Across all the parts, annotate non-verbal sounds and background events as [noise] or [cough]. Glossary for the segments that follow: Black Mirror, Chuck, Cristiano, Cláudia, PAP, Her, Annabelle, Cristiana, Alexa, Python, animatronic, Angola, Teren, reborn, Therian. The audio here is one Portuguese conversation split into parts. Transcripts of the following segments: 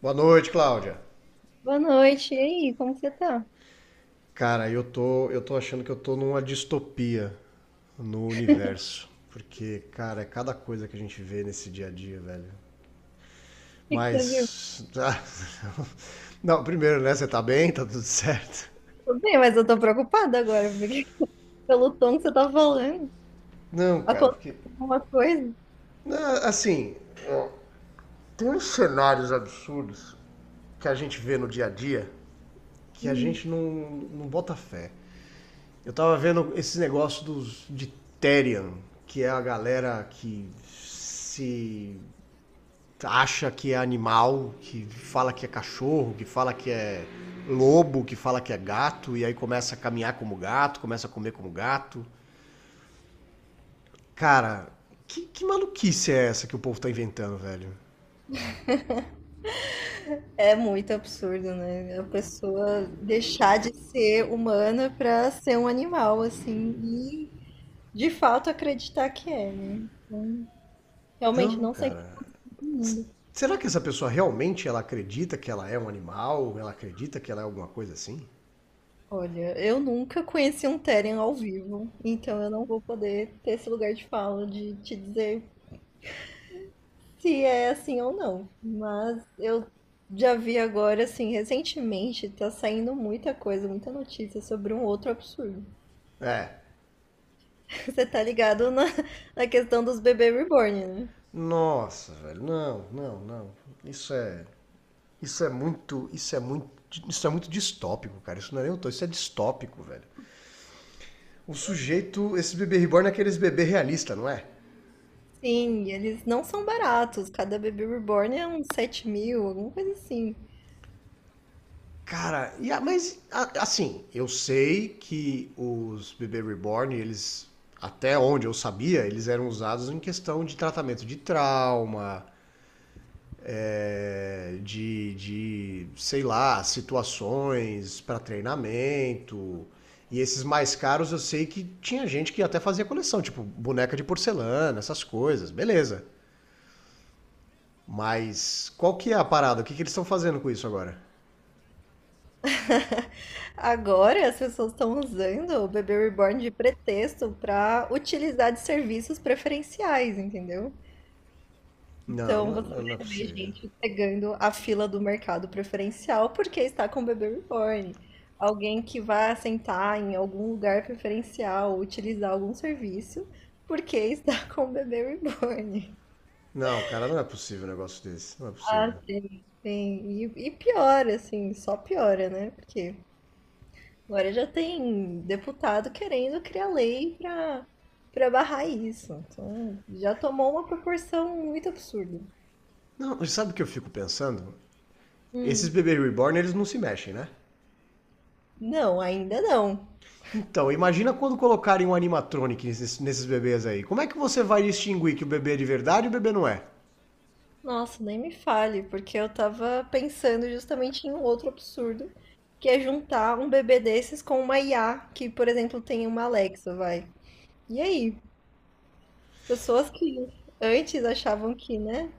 Boa noite, Cláudia. Boa noite. E aí, como que você tá? O Cara, eu tô achando que eu tô numa distopia no universo. Porque, cara, é cada coisa que a gente vê nesse dia a dia, velho. que que você viu? Mas. ah, [laughs] Não, primeiro, né? Você tá bem? Tá tudo certo? Tô bem, mas eu tô preocupada agora, porque [laughs] pelo tom que você tá falando, Não, cara, aconteceu porque. alguma coisa. Não, assim. Ó, Tem uns cenários absurdos que a gente vê no dia a dia que a Hum. gente não bota fé. Eu tava vendo esse negócio dos de Therian, que é a galera que se acha que é animal, que fala que é cachorro, que fala que é lobo, que fala que é gato, e aí começa a caminhar como gato, começa a comer como gato. Cara, que maluquice é essa que o povo tá inventando, velho? É muito absurdo, né? A pessoa deixar de ser humana pra ser um animal, assim, e de fato acreditar que é, né? Então, realmente Então, não sei cara, todo mundo. será que essa pessoa realmente ela acredita que ela é um animal? Ela acredita que ela é alguma coisa assim? Olha, eu nunca conheci um Teren ao vivo, então eu não vou poder ter esse lugar de fala de te dizer se é assim ou não. Mas eu já vi agora, assim, recentemente, tá saindo muita coisa, muita notícia sobre um outro absurdo. É, [laughs] Você tá ligado na questão dos bebê reborn, né? Nossa, velho. Não, não, não. Isso é. Isso é muito. Isso é muito. Isso é muito distópico, cara. Isso não é nem utopia, isso é distópico, velho. O sujeito, esse bebê reborn é aqueles bebê realista, não é? Sim, eles não são baratos. Cada bebê reborn é uns 7 mil, alguma coisa assim. Cara, assim, eu sei que os bebê reborn, eles até onde eu sabia, eles eram usados em questão de tratamento de trauma, sei lá, situações para treinamento. E esses mais caros eu sei que tinha gente que até fazia coleção, tipo boneca de porcelana, essas coisas, beleza. Mas qual que é a parada? O que que eles estão fazendo com isso agora? [laughs] Agora as pessoas estão usando o bebê reborn de pretexto pra utilizar de serviços preferenciais, entendeu? Não, Então você não é vai ver possível. gente pegando a fila do mercado preferencial porque está com o bebê reborn. Alguém que vai sentar em algum lugar preferencial, utilizar algum serviço porque está [laughs] com o bebê reborn. Não, cara, não é possível um negócio desse. Não é Ah, possível. sim, sim. E piora, assim, só piora, né? Porque agora já tem deputado querendo criar lei para barrar isso. Então já tomou uma proporção muito absurda. Não, sabe o que eu fico pensando? Esses Hum. bebês reborn, eles não se mexem, né? Não, ainda não. Então, imagina quando colocarem um animatronic nesses bebês aí. Como é que você vai distinguir que o bebê é de verdade e o bebê não é? Nossa, nem me fale, porque eu tava pensando justamente em um outro absurdo, que é juntar um bebê desses com uma IA, que, por exemplo, tem uma Alexa, vai. E aí? As pessoas que antes achavam que, né,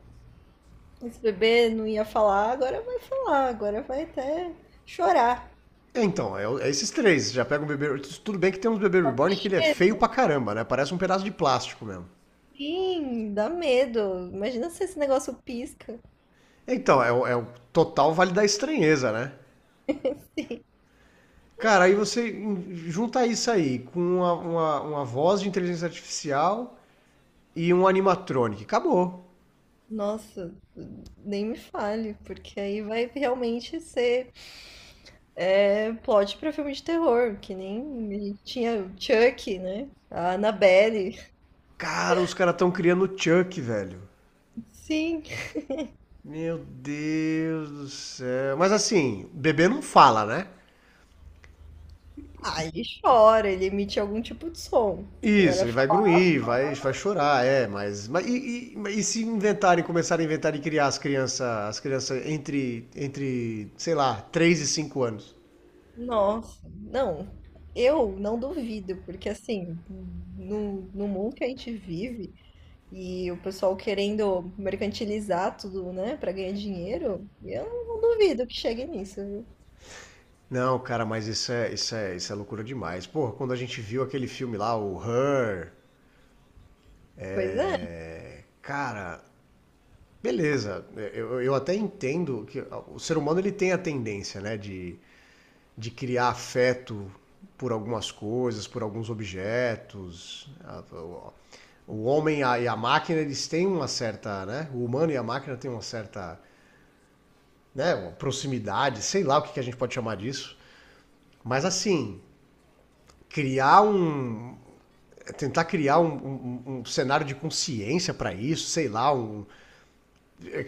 esse bebê não ia falar, agora vai até chorar. É, então, é, é esses três. Já pega um bebê. Tudo bem que tem uns bebês reborn que ele é É, feio pra caramba, né? Parece um pedaço de plástico mesmo. sim, dá medo. Imagina se esse negócio pisca. É o total vale da estranheza, né? [laughs] Sim. Cara, junta isso aí com uma voz de inteligência artificial e um animatronic. Acabou. Nossa, nem me fale, porque aí vai realmente ser. É plot pra filme de terror, que nem a gente tinha o Chuck, né? A Annabelle. Cara, os caras estão criando o Chuck, velho. [laughs] Sim. Meu Deus do céu. Mas assim, bebê não fala, né? Ah, ele chora, ele emite algum tipo de som. Agora Isso, eu, ele vai grunhir, vai chorar, e se inventarem, começarem a inventar e criar as crianças entre sei lá, 3 e 5 anos? nossa, não. Eu não duvido, porque assim, no mundo que a gente vive e o pessoal querendo mercantilizar tudo, né, pra ganhar dinheiro, eu não duvido que chegue nisso, viu? Não, cara, mas isso é loucura demais. Porra, quando a gente viu aquele filme lá, o Her, Pois é. é, cara, beleza, eu até entendo que o ser humano ele tem a tendência, né, de criar afeto por algumas coisas, por alguns objetos. O homem e a máquina, eles têm uma certa, né? O humano e a máquina têm uma certa, né? Uma proximidade, sei lá o que a gente pode chamar disso. Mas assim, criar um, tentar criar um cenário de consciência para isso,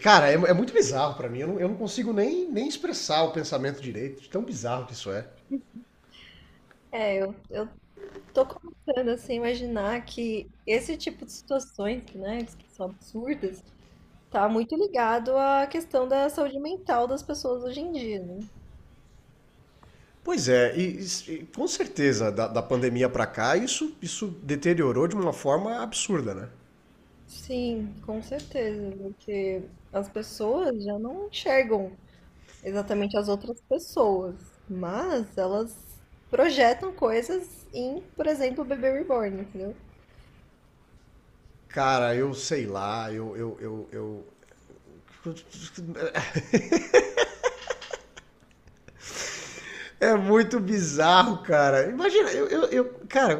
cara, é muito bizarro para mim. Eu não consigo nem expressar o pensamento direito, de tão bizarro que isso é. É, eu tô começando assim, a imaginar que esse tipo de situações, que, né, que são absurdas, tá muito ligado à questão da saúde mental das pessoas hoje em dia, né? Pois é, e com certeza, da pandemia para cá, isso deteriorou de uma forma absurda, né? Sim, com certeza, porque as pessoas já não enxergam exatamente as outras pessoas, mas elas projetam coisas em, por exemplo, o bebê reborn, entendeu? Cara, eu sei lá, É é muito bizarro, cara. Imagina, cara,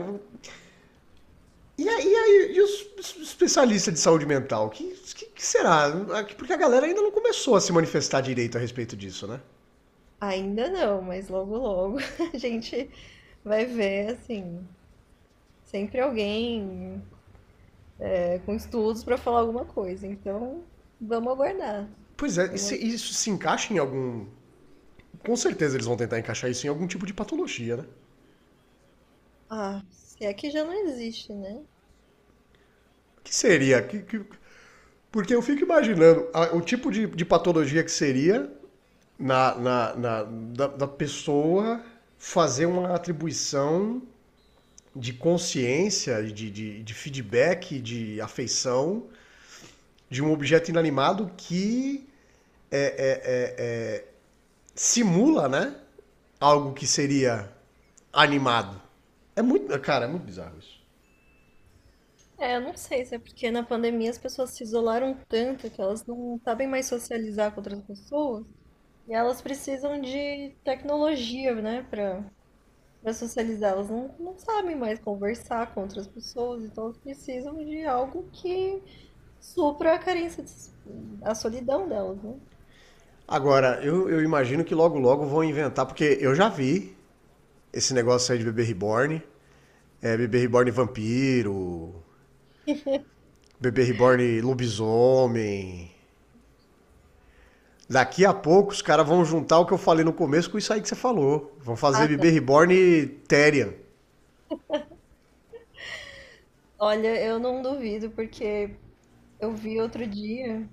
e os especialistas de saúde mental? Que será? Porque a galera ainda não começou a se manifestar direito a respeito disso, né? Ainda não, mas logo logo [laughs] a gente vai ver, assim, sempre alguém com estudos para falar alguma coisa. Então, vamos aguardar. Pois é, e Vamos... isso se encaixa em algum. Com certeza eles vão tentar encaixar isso em algum tipo de patologia, né? Ah, se é que já não existe, né? Que seria? Porque eu fico imaginando o tipo de patologia que seria da da pessoa fazer uma atribuição de consciência, de feedback, de afeição de um objeto inanimado que é- é- é- é, simula, né? Algo que seria animado. É muito, cara, é muito bizarro isso. É, eu não sei se é porque na pandemia as pessoas se isolaram tanto que elas não sabem mais socializar com outras pessoas e elas precisam de tecnologia, né, para socializar. Elas não sabem mais conversar com outras pessoas, então elas precisam de algo que supra a carência, a solidão delas, né? Agora, eu imagino que logo logo vão inventar, porque eu já vi esse negócio aí de bebê reborn. É, bebê reborn vampiro, [laughs] bebê reborn lobisomem. Daqui a pouco os caras vão juntar o que eu falei no começo com isso aí que você falou. Vão fazer Ah, não. bebê reborn Terian. Olha, eu não duvido, porque eu vi outro dia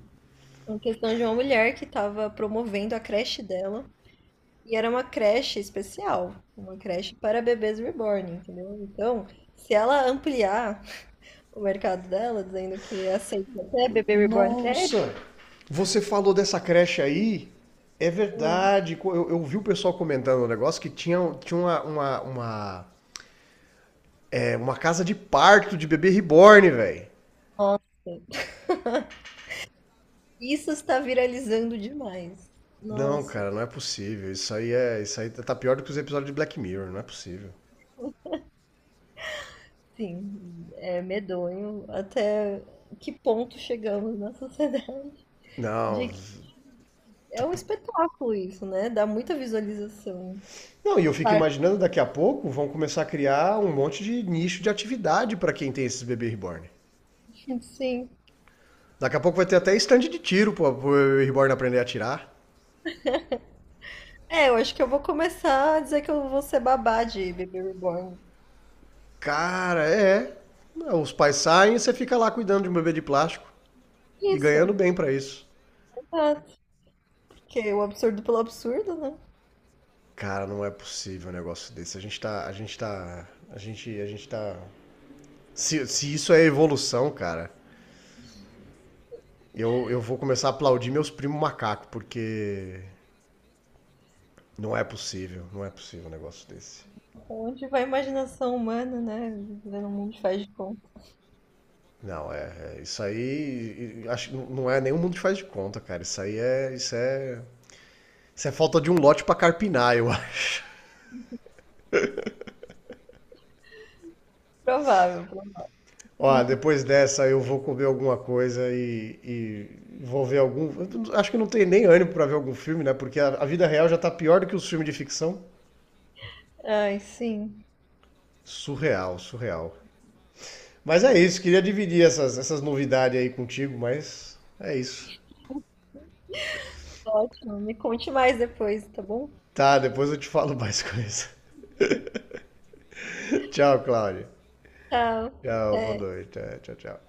uma questão de uma mulher que estava promovendo a creche dela. E era uma creche especial, uma creche para bebês reborn, entendeu? Então, se ela ampliar o mercado dela, dizendo que aceita até bebê reborn sério, Nossa! Você falou dessa creche aí? É verdade. Eu vi o pessoal comentando o um negócio que tinha, tinha uma casa de parto de bebê reborn, velho. nossa, [laughs] isso está viralizando demais. Não, Nossa, cara, não é possível. Isso aí é. Isso aí tá pior do que os episódios de Black Mirror, não é possível. sim, é medonho até que ponto chegamos na sociedade Não, de que é um espetáculo isso, né? Dá muita visualização. Não, e eu fico imaginando daqui a pouco vão começar a criar um monte de nicho de atividade para quem tem esses bebê reborn. Sim. Daqui a pouco vai ter até stand de tiro pro bebê reborn aprender a atirar. É, eu acho que eu vou começar a dizer que eu vou ser babá de Baby Reborn. Cara, é. Os pais saem e você fica lá cuidando de um bebê de plástico e Isso, ganhando bem pra isso. exato. Porque o absurdo pelo absurdo, né? Cara, não é possível um negócio desse. A gente tá. A gente tá. A gente. A gente tá. Se isso é evolução, cara, eu vou começar a aplaudir meus primos macacos, porque não é possível, não é possível um negócio desse. Onde vai a imaginação humana, né? Vivendo um mundo de faz de conta. Não, isso aí, acho que não é nenhum mundo que faz de conta, cara. Isso aí é, isso é falta de um lote pra carpinar, eu [laughs] acho. Provável. Ó, depois dessa eu vou comer alguma coisa e vou ver algum. Eu Acho que não tem nem ânimo pra ver algum filme, né? Porque a vida real já tá pior do que os filmes de ficção. Ai, sim. Surreal, surreal. Mas é isso, queria dividir essas novidades aí contigo, mas é isso. Ótimo. Me conte mais depois, tá bom? Tá, depois eu te falo mais [laughs] coisa. Tchau, Cláudia. Tchau. Tchau, boa Até. noite. Tchau, tchau.